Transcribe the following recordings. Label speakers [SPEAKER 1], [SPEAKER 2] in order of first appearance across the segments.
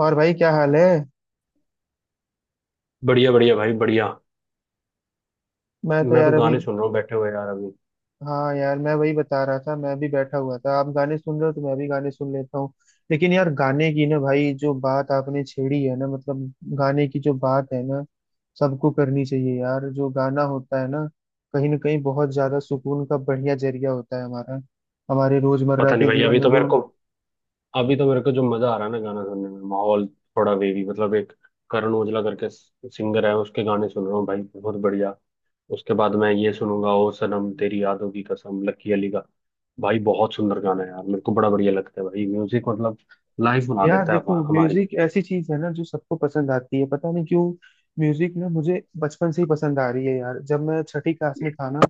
[SPEAKER 1] और भाई क्या हाल है।
[SPEAKER 2] बढ़िया बढ़िया भाई बढ़िया।
[SPEAKER 1] मैं तो
[SPEAKER 2] मैं तो
[SPEAKER 1] यार अभी।
[SPEAKER 2] गाने सुन रहा हूँ बैठे हुए यार अभी।
[SPEAKER 1] हाँ यार, मैं वही बता रहा था, मैं भी बैठा हुआ था। आप गाने सुन रहे हो तो मैं भी गाने सुन लेता हूँ। लेकिन यार गाने की ना, भाई जो बात आपने छेड़ी है ना, मतलब गाने की जो बात है ना, सबको करनी चाहिए यार। जो गाना होता है ना, कहीं ना कहीं बहुत ज्यादा सुकून का बढ़िया जरिया होता है हमारा, हमारे रोजमर्रा
[SPEAKER 2] पता नहीं
[SPEAKER 1] के
[SPEAKER 2] भाई
[SPEAKER 1] जीवन
[SPEAKER 2] अभी
[SPEAKER 1] में
[SPEAKER 2] तो मेरे
[SPEAKER 1] जो।
[SPEAKER 2] को, जो मजा आ रहा है ना गाना सुनने में, माहौल थोड़ा वेवी, मतलब एक करण ओजला करके सिंगर है, उसके गाने सुन रहा हूँ भाई, बहुत बढ़िया। उसके बाद मैं ये सुनूंगा, ओ सनम तेरी यादों की कसम, लकी अली का। भाई बहुत सुंदर गाना है यार, मेरे को बड़ा बढ़िया लगता है भाई। म्यूजिक मतलब लाइफ बना
[SPEAKER 1] यार
[SPEAKER 2] देता है
[SPEAKER 1] देखो,
[SPEAKER 2] हमारी।
[SPEAKER 1] म्यूजिक ऐसी चीज है ना जो सबको पसंद आती है, पता नहीं क्यों। म्यूजिक ना मुझे बचपन से ही पसंद आ रही है यार। जब मैं छठी क्लास में था ना,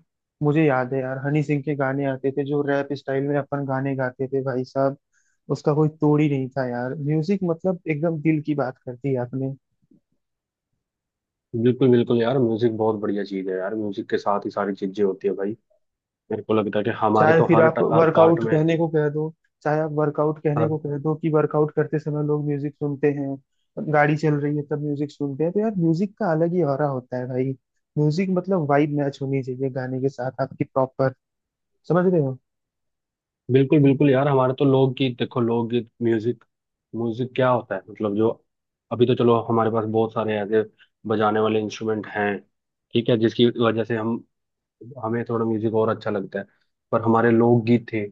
[SPEAKER 1] मुझे याद है यार, हनी सिंह के गाने आते थे जो रैप स्टाइल में अपन गाने गाते थे भाई साहब। उसका कोई तोड़ ही नहीं था यार। म्यूजिक मतलब एकदम दिल की बात कर दी आपने।
[SPEAKER 2] बिल्कुल बिल्कुल यार, म्यूजिक बहुत बढ़िया चीज है यार। म्यूजिक के साथ ही सारी चीजें होती है भाई। मेरे को लगता है कि हमारे
[SPEAKER 1] चाहे
[SPEAKER 2] तो
[SPEAKER 1] फिर
[SPEAKER 2] हर
[SPEAKER 1] आप
[SPEAKER 2] हर पार्ट
[SPEAKER 1] वर्कआउट
[SPEAKER 2] में।
[SPEAKER 1] कहने को कह दो, चाहे आप वर्कआउट कहने
[SPEAKER 2] हर।
[SPEAKER 1] को कह दो कि वर्कआउट करते समय लोग म्यूजिक सुनते हैं। गाड़ी चल रही है तब म्यूजिक सुनते हैं। तो यार म्यूजिक का अलग ही ऑरा होता है भाई। म्यूजिक मतलब वाइब मैच होनी चाहिए गाने के साथ आपकी प्रॉपर। समझ रहे हो।
[SPEAKER 2] बिल्कुल बिल्कुल यार, हमारे तो लोकगीत, देखो लोकगीत। म्यूजिक म्यूजिक क्या होता है मतलब जो। अभी तो चलो हमारे पास बहुत सारे ऐसे बजाने वाले इंस्ट्रूमेंट हैं, ठीक है, जिसकी वजह से हम, हमें थोड़ा म्यूजिक और अच्छा लगता है। पर हमारे लोकगीत थे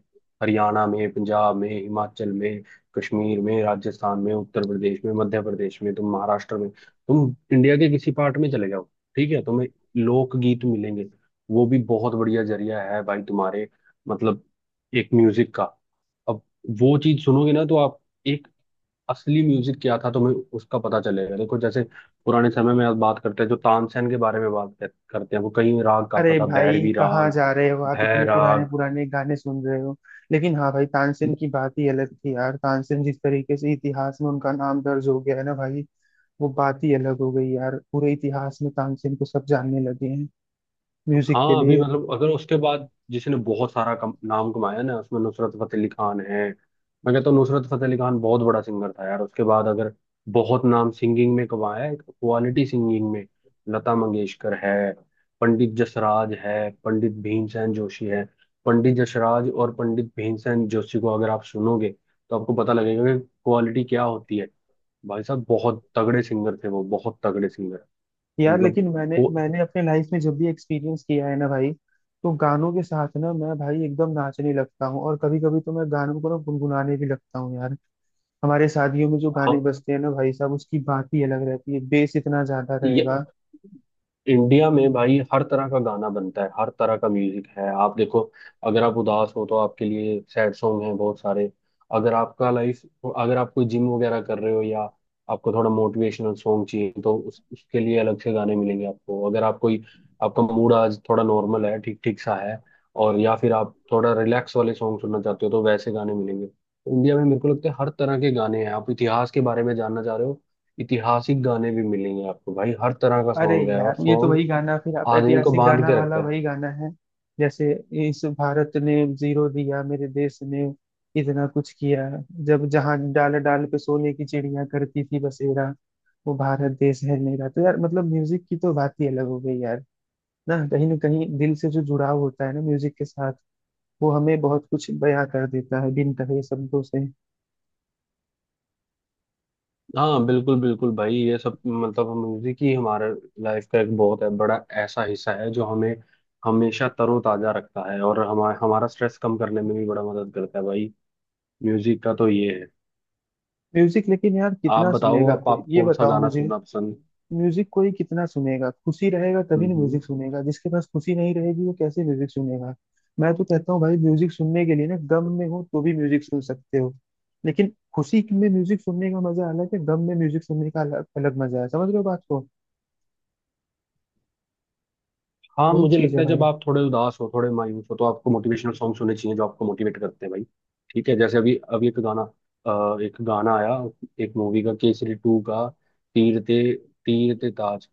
[SPEAKER 2] हरियाणा में, पंजाब में, हिमाचल में, कश्मीर में, राजस्थान में, उत्तर प्रदेश में, मध्य प्रदेश में, तुम महाराष्ट्र में, तुम इंडिया के किसी पार्ट में चले जाओ, ठीक है, तुम्हें लोकगीत मिलेंगे। वो भी बहुत बढ़िया जरिया है भाई तुम्हारे, मतलब, एक म्यूजिक का। अब वो चीज सुनोगे ना तो आप, एक, असली म्यूजिक क्या था तुम्हें उसका पता चलेगा। देखो जैसे पुराने समय में आप बात करते हैं, जो तानसेन के बारे में करते हैं, वो कई राग गाता
[SPEAKER 1] अरे
[SPEAKER 2] था,
[SPEAKER 1] भाई,
[SPEAKER 2] भैरवी
[SPEAKER 1] कहाँ
[SPEAKER 2] राग,
[SPEAKER 1] जा रहे हो आप, इतने पुराने
[SPEAKER 2] भैराग।
[SPEAKER 1] पुराने गाने सुन रहे हो। लेकिन हाँ भाई, तानसेन की बात ही अलग थी यार। तानसेन जिस तरीके से इतिहास में उनका नाम दर्ज हो गया है ना भाई, वो बात ही अलग हो गई यार। पूरे इतिहास में तानसेन को सब जानने लगे हैं म्यूजिक के
[SPEAKER 2] हाँ अभी
[SPEAKER 1] लिए।
[SPEAKER 2] मतलब, अगर उसके बाद जिसने बहुत सारा नाम कमाया ना उसमें नुसरत फतेह अली खान है। मैं कहता हूँ नुसरत फतेह अली खान बहुत बड़ा सिंगर था यार। उसके बाद अगर बहुत नाम सिंगिंग में कमाया है, क्वालिटी सिंगिंग में, लता मंगेशकर है, पंडित जसराज है, पंडित भीमसेन जोशी है। पंडित जसराज और पंडित भीमसेन जोशी को अगर आप सुनोगे तो आपको पता लगेगा कि क्वालिटी क्या होती है। भाई साहब बहुत तगड़े सिंगर थे वो, बहुत तगड़े सिंगर,
[SPEAKER 1] यार
[SPEAKER 2] मतलब
[SPEAKER 1] लेकिन मैंने
[SPEAKER 2] वो।
[SPEAKER 1] मैंने अपने लाइफ में जब भी एक्सपीरियंस किया है ना भाई, तो गानों के साथ ना मैं भाई एकदम नाचने लगता हूँ, और कभी कभी तो मैं गानों को ना गुनगुनाने भी लगता हूँ यार। हमारे शादियों में जो
[SPEAKER 2] हाँ,
[SPEAKER 1] गाने बजते हैं ना भाई साहब, उसकी बात ही अलग रहती है, बेस इतना ज्यादा रहेगा।
[SPEAKER 2] इंडिया में भाई हर तरह का गाना बनता है, हर तरह का म्यूजिक है। आप देखो, अगर आप उदास हो तो आपके लिए सैड सॉन्ग हैं बहुत सारे। अगर आपका लाइफ, अगर आप कोई जिम वगैरह कर रहे हो, या आपको थोड़ा मोटिवेशनल सॉन्ग चाहिए, तो उसके लिए अलग से गाने मिलेंगे आपको। अगर आप कोई, आपका मूड आज थोड़ा नॉर्मल है, ठीक ठीक सा है, और या फिर आप थोड़ा रिलैक्स वाले सॉन्ग सुनना चाहते हो, तो वैसे गाने मिलेंगे। तो इंडिया में मेरे को लगता है हर तरह के गाने हैं। आप इतिहास के बारे में जानना चाह रहे हो, ऐतिहासिक गाने भी मिलेंगे आपको भाई। हर तरह का
[SPEAKER 1] अरे
[SPEAKER 2] सॉन्ग है,
[SPEAKER 1] यार,
[SPEAKER 2] और
[SPEAKER 1] ये तो
[SPEAKER 2] सॉन्ग
[SPEAKER 1] वही गाना, फिर आप
[SPEAKER 2] आदमी को
[SPEAKER 1] ऐतिहासिक
[SPEAKER 2] बांध
[SPEAKER 1] गाना
[SPEAKER 2] के
[SPEAKER 1] वाला
[SPEAKER 2] रखता है।
[SPEAKER 1] वही गाना है। जैसे इस भारत ने जीरो दिया, मेरे देश ने इतना कुछ किया, जब जहां डाल डाल पे सोने की चिड़िया करती थी बसेरा, वो भारत देश है मेरा। तो यार मतलब म्यूजिक की तो बात ही अलग हो गई यार। ना कहीं दिल से जो जुड़ाव होता है ना म्यूजिक के साथ, वो हमें बहुत कुछ बयां कर देता है बिन कहे शब्दों से।
[SPEAKER 2] हाँ बिल्कुल बिल्कुल भाई, ये सब मतलब म्यूजिक ही हमारे लाइफ का एक बहुत है बड़ा ऐसा हिस्सा है, जो हमें हमेशा तरोताजा रखता है, और हमारा हमारा स्ट्रेस कम करने में भी बड़ा मदद करता है भाई। म्यूजिक का तो ये है।
[SPEAKER 1] म्यूजिक लेकिन यार
[SPEAKER 2] आप
[SPEAKER 1] कितना
[SPEAKER 2] बताओ,
[SPEAKER 1] सुनेगा
[SPEAKER 2] आप,
[SPEAKER 1] कोई,
[SPEAKER 2] आप
[SPEAKER 1] ये
[SPEAKER 2] कौन सा
[SPEAKER 1] बताओ
[SPEAKER 2] गाना
[SPEAKER 1] मुझे।
[SPEAKER 2] सुनना पसंद।
[SPEAKER 1] म्यूजिक कोई कितना सुनेगा, खुशी रहेगा तभी ना
[SPEAKER 2] हम्म।
[SPEAKER 1] म्यूजिक सुनेगा। जिसके पास खुशी नहीं रहेगी वो कैसे म्यूजिक सुनेगा। मैं तो कहता हूँ भाई, म्यूजिक सुनने के लिए ना, गम में हो तो भी म्यूजिक सुन सकते हो। लेकिन खुशी में म्यूजिक सुनने का मजा अलग है, गम में म्यूजिक सुनने का अलग मजा है। समझ रहे हो बात को।
[SPEAKER 2] हाँ
[SPEAKER 1] वही
[SPEAKER 2] मुझे
[SPEAKER 1] चीज
[SPEAKER 2] लगता
[SPEAKER 1] है
[SPEAKER 2] है जब
[SPEAKER 1] भाई।
[SPEAKER 2] आप थोड़े उदास हो, थोड़े मायूस हो, तो आपको मोटिवेशनल सॉन्ग सुनने चाहिए जो आपको मोटिवेट करते हैं भाई। ठीक है, जैसे अभी अभी एक गाना, एक गाना आया, एक मूवी का, केसरी टू का, तीर ते, तीर ते ताज,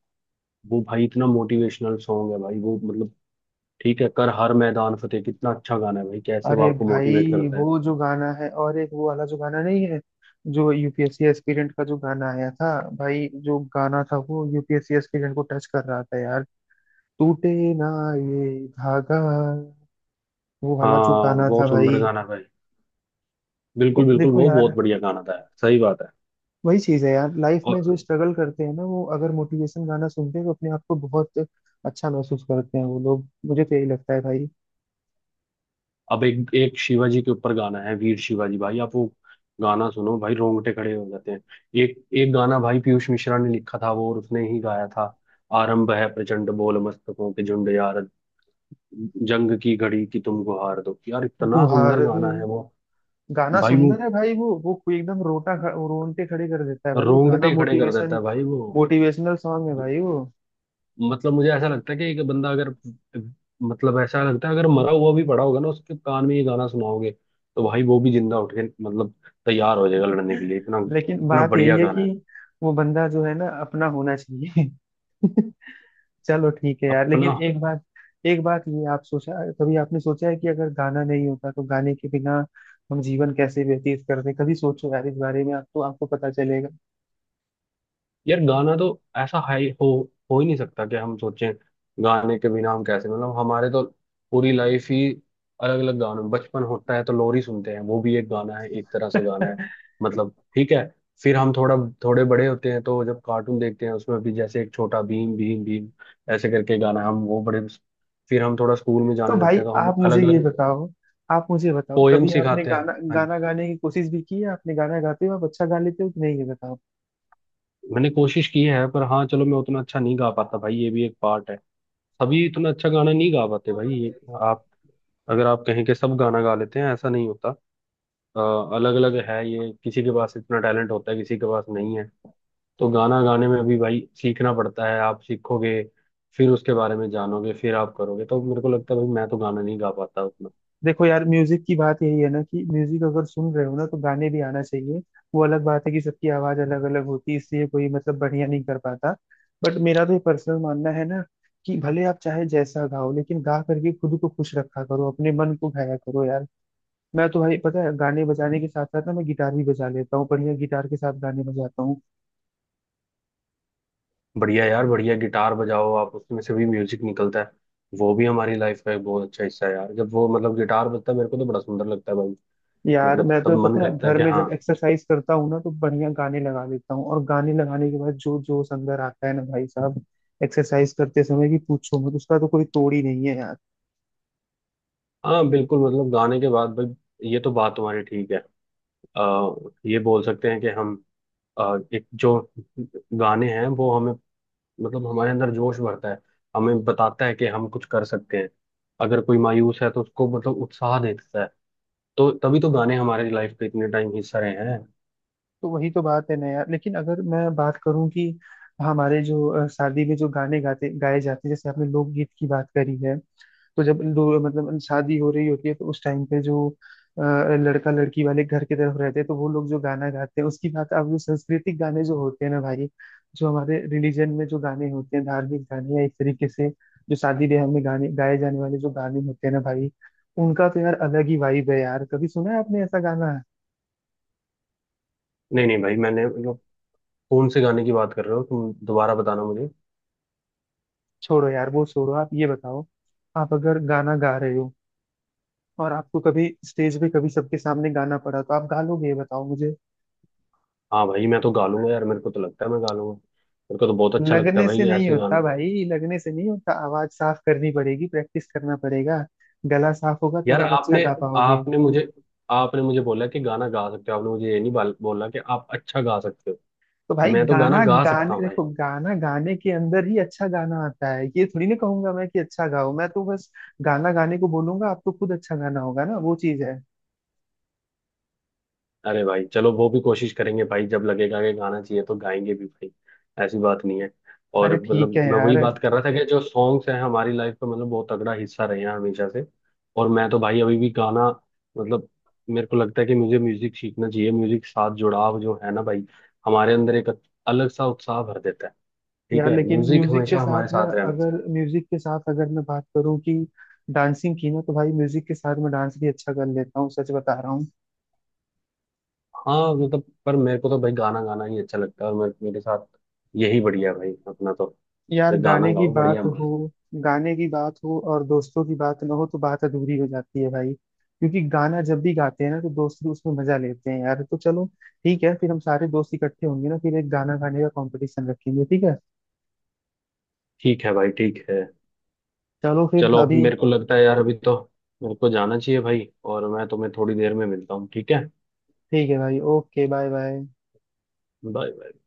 [SPEAKER 2] वो भाई इतना मोटिवेशनल सॉन्ग है भाई वो, मतलब, ठीक है, कर हर मैदान फतेह, कितना अच्छा गाना है भाई, कैसे वो
[SPEAKER 1] अरे
[SPEAKER 2] आपको मोटिवेट
[SPEAKER 1] भाई,
[SPEAKER 2] करता है।
[SPEAKER 1] वो जो गाना है, और एक वो वाला जो गाना नहीं है, जो यूपीएससी एस्पिरेंट का जो गाना आया था, भाई जो गाना था वो यूपीएससी एस्पिरेंट को टच कर रहा था यार। टूटे ना ये धागा, वो वाला जो
[SPEAKER 2] हाँ
[SPEAKER 1] गाना था
[SPEAKER 2] बहुत सुंदर
[SPEAKER 1] भाई।
[SPEAKER 2] गाना है भाई। बिल्कुल
[SPEAKER 1] तो
[SPEAKER 2] बिल्कुल
[SPEAKER 1] देखो
[SPEAKER 2] वो
[SPEAKER 1] यार,
[SPEAKER 2] बहुत बढ़िया गाना था, सही बात
[SPEAKER 1] वही चीज है यार, लाइफ में
[SPEAKER 2] है।
[SPEAKER 1] जो स्ट्रगल करते हैं ना, वो अगर मोटिवेशन गाना सुनते हैं तो अपने आप को बहुत अच्छा महसूस करते हैं वो लोग। मुझे तो यही लगता है भाई।
[SPEAKER 2] अब एक, एक शिवाजी के ऊपर गाना है, वीर शिवाजी, भाई आप वो गाना सुनो भाई, रोंगटे खड़े हो जाते हैं। एक, एक गाना भाई पीयूष मिश्रा ने लिखा था वो, और उसने ही गाया था। आरंभ है प्रचंड बोल मस्तकों के झुंड, यार, जंग की घड़ी की तुमको हार दो, यार इतना
[SPEAKER 1] गुहार
[SPEAKER 2] सुंदर
[SPEAKER 1] दो।
[SPEAKER 2] गाना है वो।
[SPEAKER 1] गाना
[SPEAKER 2] भाई वो
[SPEAKER 1] सुंदर है भाई वो कोई एकदम रोंगटे खड़े कर देता है भाई, वो गाना
[SPEAKER 2] रोंगटे खड़े कर देता
[SPEAKER 1] मोटिवेशन,
[SPEAKER 2] है भाई वो,
[SPEAKER 1] मोटिवेशनल सॉन्ग है भाई वो।
[SPEAKER 2] मतलब। मुझे ऐसा लगता है कि एक बंदा अगर, मतलब ऐसा लगता है अगर मरा हुआ भी पड़ा होगा ना, उसके कान में ये गाना सुनाओगे तो भाई वो भी जिंदा उठ के, मतलब, तैयार हो जाएगा लड़ने के लिए, इतना,
[SPEAKER 1] लेकिन
[SPEAKER 2] इतना
[SPEAKER 1] बात यही
[SPEAKER 2] बढ़िया
[SPEAKER 1] है
[SPEAKER 2] गाना है।
[SPEAKER 1] कि वो बंदा जो है ना अपना होना चाहिए। चलो ठीक है यार, लेकिन
[SPEAKER 2] अपना।
[SPEAKER 1] एक बात, एक बात ये, आप सोचा, कभी आपने सोचा है कि अगर गाना नहीं होता तो गाने के बिना हम जीवन कैसे व्यतीत करते। कभी सोचो यार इस बारे में, आपको आपको पता चलेगा।
[SPEAKER 2] यार गाना तो, ऐसा हाई, हो ही नहीं सकता कि हम सोचें गाने के बिना हम कैसे, मतलब हमारे तो पूरी लाइफ ही अलग अलग गानों में। बचपन होता है तो लोरी सुनते हैं, वो भी एक गाना है, एक तरह से गाना है, मतलब, ठीक है। फिर हम थोड़ा, थोड़े बड़े होते हैं तो जब कार्टून देखते हैं, उसमें भी जैसे एक छोटा भीम, भीम भीम ऐसे करके गाना है, हम वो बड़े। फिर हम थोड़ा स्कूल में
[SPEAKER 1] तो
[SPEAKER 2] जाने लगते
[SPEAKER 1] भाई
[SPEAKER 2] हैं तो हमें
[SPEAKER 1] आप मुझे
[SPEAKER 2] अलग
[SPEAKER 1] ये
[SPEAKER 2] अलग
[SPEAKER 1] बताओ, आप मुझे बताओ,
[SPEAKER 2] पोएम
[SPEAKER 1] कभी आपने
[SPEAKER 2] सिखाते हैं।
[SPEAKER 1] गाना
[SPEAKER 2] हाँ,
[SPEAKER 1] गाना गाने की कोशिश भी की है? आपने गाना गाते हो, आप अच्छा गा लेते हो कि नहीं, ये
[SPEAKER 2] मैंने कोशिश की है, पर हाँ चलो मैं उतना अच्छा नहीं गा पाता भाई, ये भी एक पार्ट है। सभी इतना अच्छा गाना नहीं गा पाते भाई ये। आप, अगर आप कहें कि सब गाना गा लेते हैं, ऐसा नहीं होता। अलग अलग है ये, किसी के पास इतना टैलेंट होता है, किसी के पास नहीं है। तो गाना गाने में भी भाई सीखना पड़ता है, आप सीखोगे फिर उसके बारे में जानोगे फिर आप करोगे। तो मेरे को लगता है भाई मैं तो गाना नहीं गा पाता उतना।
[SPEAKER 1] देखो यार। म्यूजिक की बात यही है ना कि म्यूजिक अगर सुन रहे हो ना तो गाने भी आना चाहिए। वो अलग बात है कि सबकी आवाज अलग अलग होती है, इसलिए कोई मतलब बढ़िया नहीं कर पाता। बट मेरा तो ये पर्सनल मानना है ना कि भले आप चाहे जैसा गाओ, लेकिन गा करके खुद को खुश रखा करो, अपने मन को गाया करो यार। मैं तो भाई पता है, गाने बजाने के साथ साथ ना, मैं गिटार भी बजा लेता हूँ बढ़िया, गिटार के साथ गाने बजाता हूँ।
[SPEAKER 2] बढ़िया यार, बढ़िया गिटार बजाओ आप, उसमें से भी म्यूजिक निकलता है। वो भी हमारी लाइफ का एक बहुत अच्छा हिस्सा है यार, जब वो मतलब गिटार बजता है मेरे को तो बड़ा सुंदर लगता है भाई।
[SPEAKER 1] यार
[SPEAKER 2] मतलब
[SPEAKER 1] मैं
[SPEAKER 2] तब
[SPEAKER 1] तो
[SPEAKER 2] मन
[SPEAKER 1] पता है,
[SPEAKER 2] करता है
[SPEAKER 1] घर
[SPEAKER 2] कि
[SPEAKER 1] में
[SPEAKER 2] हाँ।
[SPEAKER 1] जब एक्सरसाइज करता हूँ ना, तो बढ़िया गाने लगा लेता हूँ, और गाने लगाने के बाद जो जोश अंदर आता है ना भाई साहब, एक्सरसाइज करते समय, कि पूछो मत, उसका तो कोई तोड़ ही नहीं है यार।
[SPEAKER 2] हाँ बिल्कुल, मतलब गाने के बाद भाई ये तो बात तुम्हारी ठीक है। आ, ये बोल सकते हैं कि हम, एक जो गाने हैं वो हमें, मतलब हमारे अंदर जोश भरता है, हमें बताता है कि हम कुछ कर सकते हैं, अगर कोई मायूस है तो उसको मतलब उत्साह देता है। तो तभी तो गाने हमारे लाइफ का इतने टाइम हिस्सा रहे हैं।
[SPEAKER 1] तो वही तो बात है ना यार। लेकिन अगर मैं बात करूं कि हमारे जो शादी में जो गाने गाते गाए जाते हैं, जैसे आपने लोकगीत की बात करी है, तो जब दो मतलब शादी हो रही होती है तो उस टाइम पे जो अ, लड़का लड़की वाले घर की तरफ रहते हैं, तो वो लोग जो गाना गाते हैं उसकी बात, अब जो सांस्कृतिक गाने जो होते हैं ना भाई, जो हमारे रिलीजन में जो गाने होते हैं धार्मिक गाने, या एक तरीके से जो शादी ब्याह में गाने गाए जाने वाले जो गाने होते हैं ना भाई, उनका तो यार अलग ही वाइब है यार। कभी सुना है आपने ऐसा गाना।
[SPEAKER 2] नहीं नहीं भाई मैंने, मतलब, कौन से गाने की बात कर रहे हो तुम दोबारा बताना मुझे।
[SPEAKER 1] छोड़ो यार वो छोड़ो, आप ये बताओ, आप अगर गाना गा रहे हो, और आपको कभी स्टेज पे, कभी सबके सामने गाना पड़ा, तो आप गा लोगे, ये बताओ मुझे।
[SPEAKER 2] हाँ भाई मैं तो गा लूंगा यार, मेरे को तो लगता है मैं गा लूंगा, मेरे को तो बहुत अच्छा लगता है
[SPEAKER 1] लगने से
[SPEAKER 2] भाई
[SPEAKER 1] नहीं
[SPEAKER 2] ऐसे
[SPEAKER 1] होता
[SPEAKER 2] गाना।
[SPEAKER 1] भाई, लगने से नहीं होता, आवाज साफ करनी पड़ेगी, प्रैक्टिस करना पड़ेगा। गला साफ होगा तब
[SPEAKER 2] यार
[SPEAKER 1] आप अच्छा
[SPEAKER 2] आपने,
[SPEAKER 1] गा पाओगे।
[SPEAKER 2] आपने मुझे आपने मुझे बोला कि गाना गा सकते हो, आपने मुझे ये नहीं बोला कि आप अच्छा गा सकते हो।
[SPEAKER 1] तो भाई
[SPEAKER 2] मैं तो गाना
[SPEAKER 1] गाना
[SPEAKER 2] गा सकता
[SPEAKER 1] गाने,
[SPEAKER 2] हूँ भाई।
[SPEAKER 1] देखो गाना गाने के अंदर ही अच्छा गाना आता है। ये थोड़ी ना कहूंगा मैं कि अच्छा गाओ, मैं तो बस गाना गाने को बोलूंगा, आपको खुद अच्छा गाना होगा ना, वो चीज है।
[SPEAKER 2] अरे भाई चलो वो भी कोशिश करेंगे भाई, जब लगेगा कि गाना चाहिए तो गाएंगे भी भाई, ऐसी बात नहीं है। और
[SPEAKER 1] अरे ठीक
[SPEAKER 2] मतलब
[SPEAKER 1] है
[SPEAKER 2] मैं
[SPEAKER 1] यार।
[SPEAKER 2] वही बात कर रहा था कि जो सॉन्ग्स हैं हमारी लाइफ का मतलब बहुत तगड़ा हिस्सा रहे हैं हमेशा से। और मैं तो भाई अभी भी गाना, मतलब, मेरे को लगता है कि मुझे म्यूजिक सीखना चाहिए। म्यूजिक साथ जुड़ाव जो है ना भाई हमारे अंदर एक अलग सा उत्साह भर देता है। ठीक
[SPEAKER 1] यार
[SPEAKER 2] है,
[SPEAKER 1] लेकिन
[SPEAKER 2] म्यूजिक
[SPEAKER 1] म्यूजिक के
[SPEAKER 2] हमेशा
[SPEAKER 1] साथ
[SPEAKER 2] हमारे
[SPEAKER 1] ना,
[SPEAKER 2] साथ रहना चाहिए।
[SPEAKER 1] अगर म्यूजिक के साथ अगर मैं बात करूँ कि डांसिंग की ना, तो भाई म्यूजिक के साथ मैं डांस भी अच्छा कर लेता हूँ, सच बता रहा हूँ।
[SPEAKER 2] हाँ मतलब, पर मेरे को तो भाई गाना गाना ही अच्छा लगता है, और मेरे साथ यही बढ़िया है भाई अपना तो,
[SPEAKER 1] यार
[SPEAKER 2] ये गाना
[SPEAKER 1] गाने की
[SPEAKER 2] गाओ
[SPEAKER 1] बात
[SPEAKER 2] बढ़िया
[SPEAKER 1] हो,
[SPEAKER 2] मस्त।
[SPEAKER 1] गाने की बात हो और दोस्तों की बात ना हो तो बात अधूरी हो जाती है भाई, क्योंकि गाना जब भी गाते हैं ना तो दोस्त भी उसमें मजा लेते हैं यार। तो चलो ठीक है, फिर हम सारे दोस्त इकट्ठे होंगे ना, फिर एक गाना गाने का कंपटीशन रखेंगे, ठीक है।
[SPEAKER 2] ठीक है भाई ठीक है।
[SPEAKER 1] चलो फिर
[SPEAKER 2] चलो अभी
[SPEAKER 1] अभी।
[SPEAKER 2] मेरे को लगता है यार, अभी तो मेरे को जाना चाहिए भाई, और मैं तुम्हें थोड़ी देर में मिलता हूँ ठीक है।
[SPEAKER 1] ठीक है भाई, ओके, बाय बाय।
[SPEAKER 2] बाय।